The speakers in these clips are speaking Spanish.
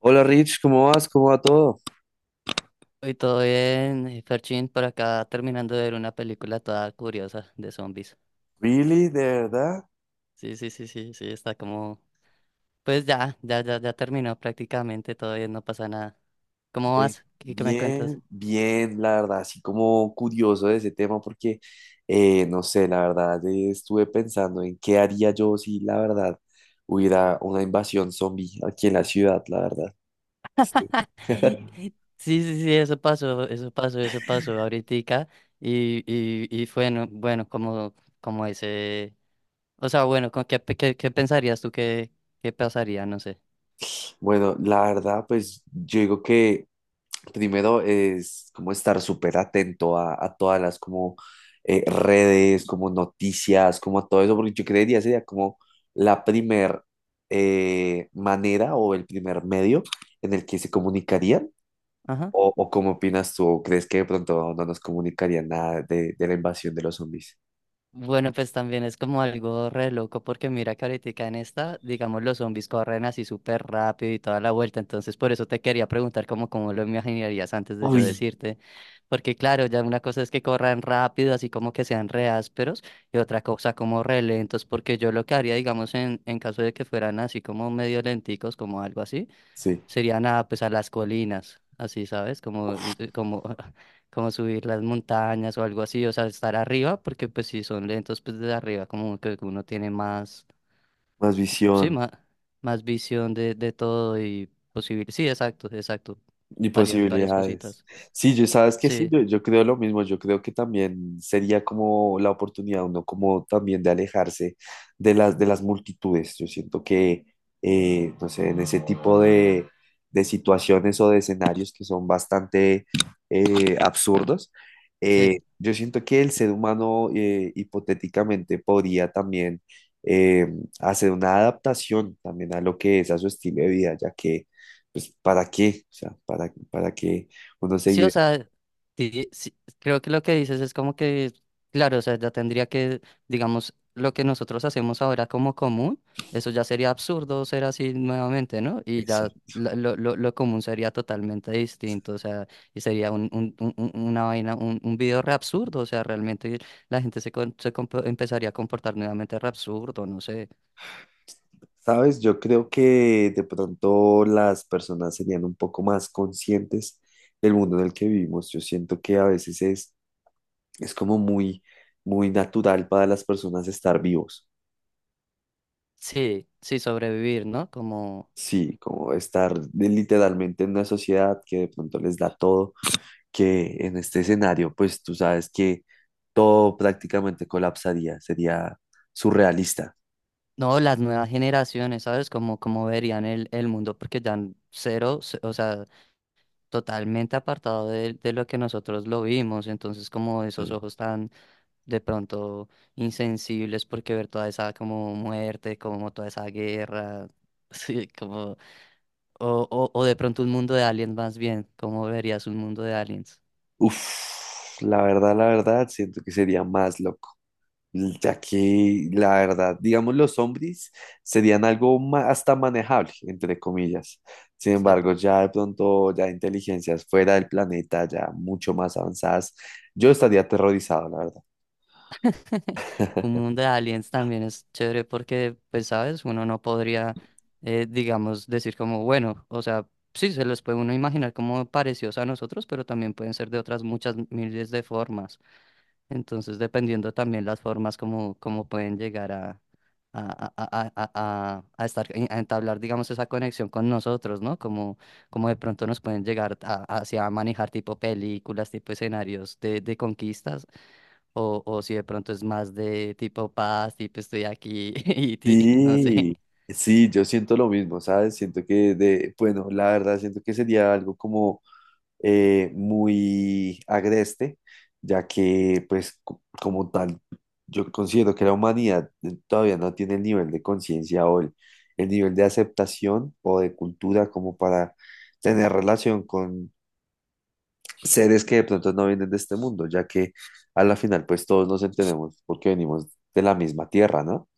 Hola Rich, ¿cómo vas? ¿Cómo va todo? Y todo bien, Ferchín, por acá terminando de ver una película toda curiosa de zombies. Really, de verdad, Sí, sí, sí, sí, sí, está como... Pues ya, ya, ya, ya terminó prácticamente, todo bien, no pasa nada. ¿Cómo ve, vas? ¿Qué me cuentas? bien, bien, la verdad, así como curioso de ese tema porque, no sé, la verdad, estuve pensando en qué haría yo si la verdad hubiera una invasión zombie aquí en la ciudad, la verdad. Sí, sí, sí, eso pasó, eso pasó, eso pasó ahoritica. Y fue bueno, bueno, como, como ese... O sea, bueno, ¿con qué, qué, qué pensarías tú que, qué pasaría? No sé. Bueno, la verdad, pues yo digo que primero es como estar súper atento a todas las como redes, como noticias, como a todo eso, porque yo creería sería como la primer manera o el primer medio en el que se comunicarían. Ajá. O cómo opinas tú? ¿O crees que de pronto no nos comunicarían nada de, de la invasión de los zombies? Bueno, pues también es como algo re loco porque mira que ahorita en esta, digamos, los zombies corren así súper rápido y toda la vuelta, entonces por eso te quería preguntar como cómo lo imaginarías antes de yo Uy, decirte, porque claro, ya una cosa es que corran rápido, así como que sean re ásperos, y otra cosa como re lentos, porque yo lo que haría, digamos, en caso de que fueran así como medio lenticos, como algo así, sí, serían a, pues, a las colinas, así, ¿sabes? Como, como, como subir las montañas o algo así, o sea, estar arriba, porque pues si son lentos, pues desde arriba como que uno tiene más, más sí, visión. más, más visión de todo y posible. Sí, exacto, exacto. Y Varias, varias posibilidades. cositas. Sí, yo sabes que sí, Sí, yo creo lo mismo, yo creo que también sería como la oportunidad, uno como también de alejarse de las multitudes. Yo siento que, no sé, en ese tipo de situaciones o de escenarios que son bastante absurdos, sí. Yo siento que el ser humano hipotéticamente podría también eh, hacer una adaptación también a lo que es a su estilo de vida, ya que pues, ¿para qué? O sea, para qué uno Sí, o seguir? sea, sí, creo que lo que dices es como que, claro, o sea, ya tendría que, digamos, lo que nosotros hacemos ahora como común, eso ya sería absurdo ser así nuevamente, ¿no? Y ya Exacto. Lo común sería totalmente distinto, o sea, y sería un, una vaina, un video re absurdo, o sea, realmente la gente se empezaría a comportar nuevamente re absurdo, no sé. ¿Sabes? Yo creo que de pronto las personas serían un poco más conscientes del mundo en el que vivimos. Yo siento que a veces es como muy, muy natural para las personas estar vivos. Sí, sí, sobrevivir, ¿no? Como... Sí, como estar de- literalmente en una sociedad que de pronto les da todo, que en este escenario, pues tú sabes que todo prácticamente colapsaría, sería surrealista. No, las nuevas generaciones, ¿sabes? Como, como verían el mundo, porque ya cero, o sea, totalmente apartado de lo que nosotros lo vimos. Entonces, como esos ojos tan de pronto insensibles, porque ver toda esa como muerte, como toda esa guerra, sí, como, o de pronto un mundo de aliens más bien, ¿cómo verías un mundo de aliens? Uf, la verdad, siento que sería más loco, ya que la verdad, digamos, los zombies serían algo ma- hasta manejable, entre comillas. Sin Sí. embargo, ya de pronto, ya inteligencias fuera del planeta, ya mucho más avanzadas, yo estaría aterrorizado, la verdad. Un mundo de aliens también es chévere porque, pues, sabes, uno no podría, digamos, decir como, bueno, o sea, sí, se los puede uno imaginar como parecidos a nosotros, pero también pueden ser de otras muchas miles de formas. Entonces, dependiendo también las formas como, como pueden llegar a, a, a, a, a, a estar, a entablar, digamos, esa conexión con nosotros, ¿no? Como, como de pronto nos pueden llegar a, hacia manejar tipo películas, tipo escenarios de conquistas. O si de pronto es más de tipo paz, tipo estoy aquí y no sé. Sí, sí, yo siento lo mismo, ¿sabes? Siento que de, bueno, la verdad siento que sería algo como muy agreste, ya que pues co- como tal, yo considero que la humanidad todavía no tiene el nivel de conciencia o el nivel de aceptación o de cultura como para tener relación con seres que de pronto no vienen de este mundo, ya que a la final pues todos nos entendemos porque venimos de la misma tierra, ¿no?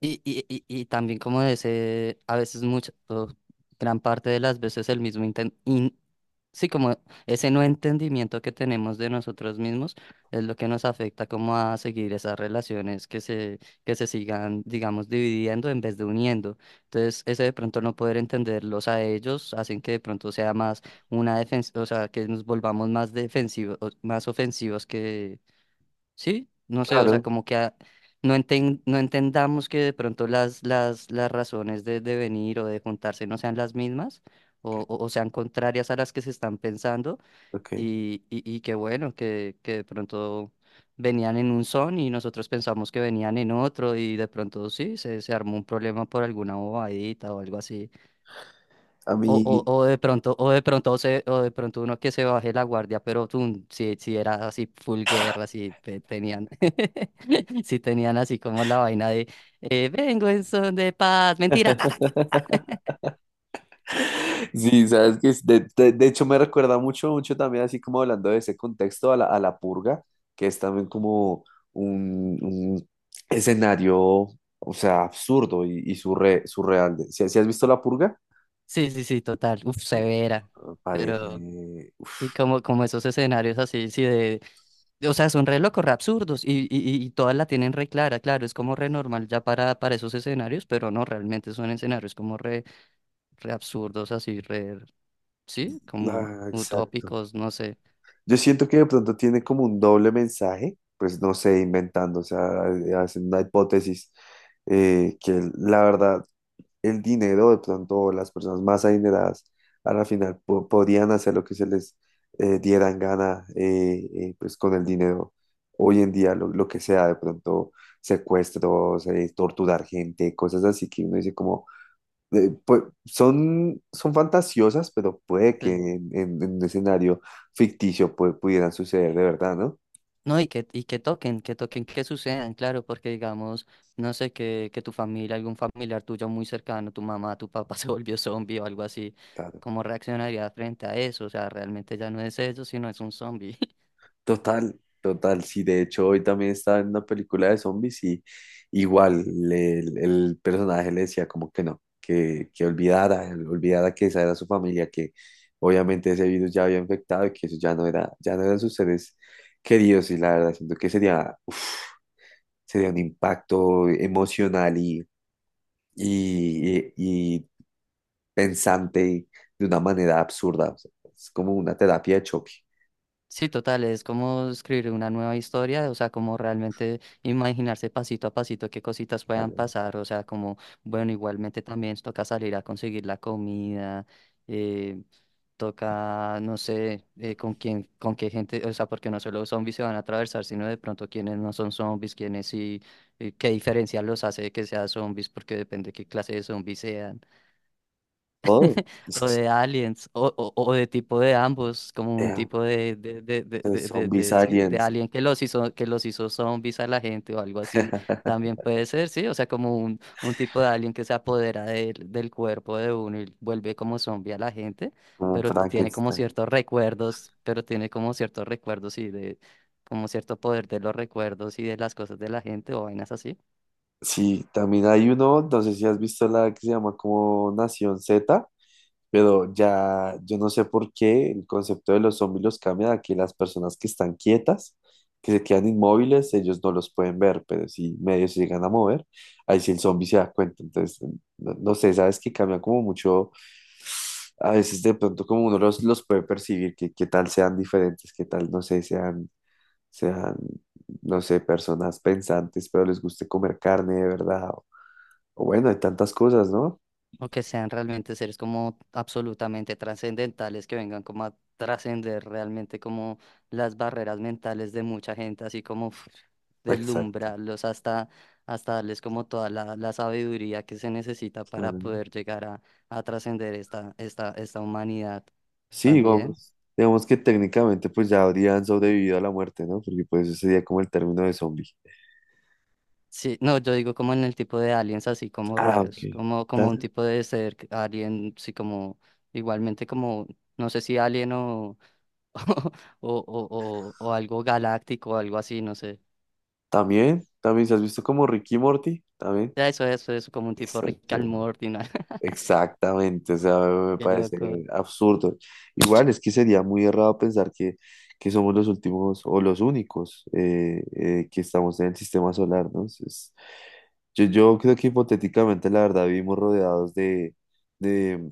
Y también como de ese, a veces mucho, o gran parte de las veces el mismo sí, como ese no entendimiento que tenemos de nosotros mismos es lo que nos afecta como a seguir esas relaciones que se sigan, digamos, dividiendo en vez de uniendo. Entonces, ese de pronto no poder entenderlos a ellos hacen que de pronto sea más una defensa, o sea, que nos volvamos más defensivos, más ofensivos que sí, no sé, o sea, Claro, como que no no entendamos que de pronto las razones de venir o de juntarse no sean las mismas o, o sean contrarias a las que se están pensando ok. Ok. y que bueno, que de pronto venían en un son y nosotros pensamos que venían en otro y de pronto sí, se armó un problema por alguna bobadita o algo así. A mí... O de pronto se, o de pronto uno que se baje la guardia, pero tú, si, si era así full guerra, si tenían, si tenían así como la vaina de vengo en son de paz, mentira, ta, ta, ta". Sí, sabes que de hecho me recuerda mucho, mucho también, así como hablando de ese contexto, a la purga, que es también como un escenario, o sea, absurdo y surre- surreal. Si, si has visto la purga, Sí, sí, sí, total, uf, severa. ah, parece... Pero, uf, y como, como esos escenarios así, sí, de, o sea, son re locos, re absurdos, y todas la tienen re clara, claro, es como re normal ya para esos escenarios, pero no, realmente son escenarios como re, re absurdos, así, re, sí, como ah, exacto. utópicos, no sé. Yo siento que de pronto tiene como un doble mensaje, pues no sé, inventando, o sea, hacen una hipótesis que la verdad el dinero, de pronto las personas más adineradas a la final po- podían hacer lo que se les dieran gana pues con el dinero. Hoy en día lo que sea, de pronto secuestros, torturar gente, cosas así que uno dice como, pues, son, son fantasiosas, pero puede que Sí. En un escenario ficticio pues, pudieran suceder de verdad, ¿no? No, y que toquen, que toquen, que sucedan, claro, porque digamos, no sé, que tu familia, algún familiar tuyo muy cercano, tu mamá, tu papá se volvió zombie o algo así, Claro. ¿cómo reaccionaría frente a eso? O sea, realmente ya no es eso, sino es un zombie. Total, total, sí, de hecho hoy también estaba en una película de zombies y igual le- el personaje le decía como que no, que olvidara, olvidara que esa era su familia, que obviamente ese virus ya había infectado y que eso ya no era, ya no eran sus seres queridos y la verdad siento que sería, uf, sería un impacto emocional y pensante de una manera absurda, o sea, es como una terapia de choque, Sí, total, es como escribir una nueva historia, o sea, como realmente imaginarse pasito a pasito qué cositas puedan claro, pasar, o sea, como, bueno, igualmente también toca salir a conseguir la comida, eh, toca, no sé, con quién, con qué gente, o sea, porque no solo zombies se van a atravesar, sino de pronto quienes no son zombies, quienes sí, qué diferencia los hace de que sean zombies, porque depende qué clase de zombies sean todo. o de aliens, o de tipo de ambos, como un tipo De de, Zombies sí, de Aliens, alien que los hizo zombies a la gente o algo así, también puede ser, sí, o sea, como un tipo de alien que se apodera del del cuerpo de uno y vuelve como zombie a la gente, como pero tiene como Frankenstein. ciertos recuerdos, pero tiene como ciertos recuerdos y de, como cierto poder de los recuerdos y de las cosas de la gente o vainas así. Sí, también hay uno, no sé si has visto la que se llama como Nación Z, pero ya yo no sé por qué el concepto de los zombies los cambia a que las personas que están quietas, que se quedan inmóviles, ellos no los pueden ver, pero si medio se llegan a mover, ahí sí el zombie se da cuenta. Entonces, no, no sé, sabes que cambia como mucho, a veces de pronto como uno los puede percibir, que qué tal sean diferentes, qué tal, no sé, sean sean, no sé, personas pensantes, pero les guste comer carne de verdad. O bueno, hay tantas cosas, ¿no? O que sean realmente seres como absolutamente trascendentales, que vengan como a trascender realmente como las barreras mentales de mucha gente, así como uf, Exacto, deslumbrarlos hasta, hasta darles como toda la, la sabiduría que se necesita claro, para ¿no? poder llegar a trascender esta, esta, esta humanidad Sí, también. digamos, digamos que técnicamente pues ya habrían sobrevivido a la muerte, ¿no? Porque pues eso sería como el término de zombie. Sí, no, yo digo como en el tipo de aliens así como Ah, ok. raros, como, Ta- como un tipo de ser alien, sí como igualmente como, no sé si alien o algo galáctico o algo así, no sé. También, también, ¿se has visto como Ricky y Morty? También. Ya eso, como un tipo Rick and Exacto. Morty, ¿no? Exactamente, o sea, me Qué parece loco. absurdo. Igual es que sería muy errado pensar que somos los últimos o los únicos que estamos en el sistema solar, ¿no? Es- yo creo que hipotéticamente, la verdad, vivimos rodeados de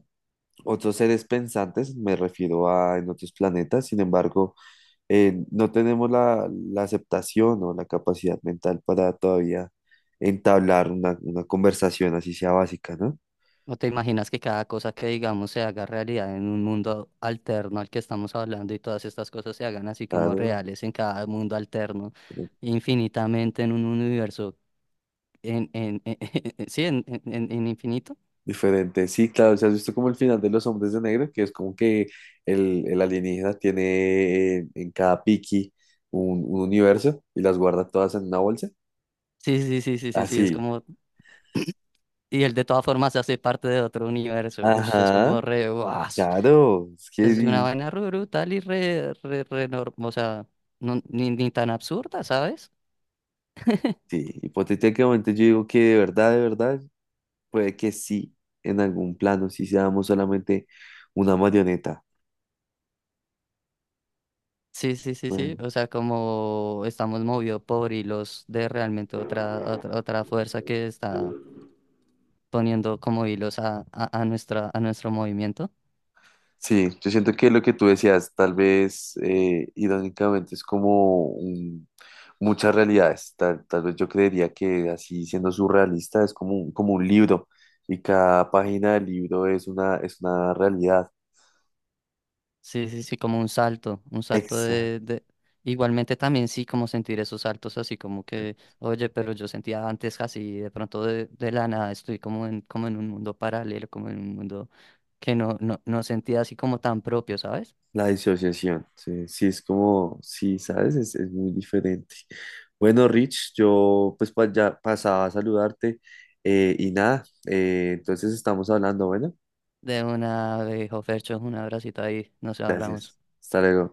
otros seres pensantes, me refiero a en otros planetas, sin embargo, no tenemos la, la aceptación o la capacidad mental para todavía entablar una conversación así sea básica, ¿no? ¿No te imaginas que cada cosa que digamos se haga realidad en un mundo alterno al que estamos hablando y todas estas cosas se hagan así como Claro. reales en cada mundo alterno, infinitamente en un universo, en, sí, en, en infinito? Diferente, sí, claro, si has visto como el final de Los Hombres de Negro, que es como que el alienígena tiene en cada piqui un universo y las guarda todas en una bolsa. Sí, sí, sí, sí, sí, sí, es Así, como, y él de todas formas se hace parte de otro universo, uff, es ajá, como re, ¡guau! claro, es que Es una di- vaina re brutal y re, re, re o sea, ni, ni tan absurda, ¿sabes? sí, hipotéticamente yo digo que de verdad, puede que sí, en algún plano, sí seamos solamente una marioneta. Sí, sí, sí, Bueno, sí. O sea, como estamos movidos por hilos de realmente otra, otra, otra fuerza que está poniendo como hilos a, a nuestra, a nuestro movimiento. sí, yo siento que lo que tú decías, tal vez irónicamente es como un- muchas realidades. Tal, tal vez yo creería que así siendo surrealista es como un libro y cada página del libro es una realidad. Sí, sí, sí, como un salto Exacto. De... Igualmente también sí, como sentir esos saltos así como que, oye, pero yo sentía antes así, de pronto de la nada estoy como en, como en un mundo paralelo, como en un mundo que no, no, no sentía así como tan propio, ¿sabes? La disociación, sí, sí, es como, sí, ¿sabes? Es muy diferente. Bueno, Rich, yo pues pa- ya pasaba a saludarte y nada, entonces estamos hablando, bueno, De una, de Jofercho, un abracito ahí, nos hablamos. gracias. Hasta luego.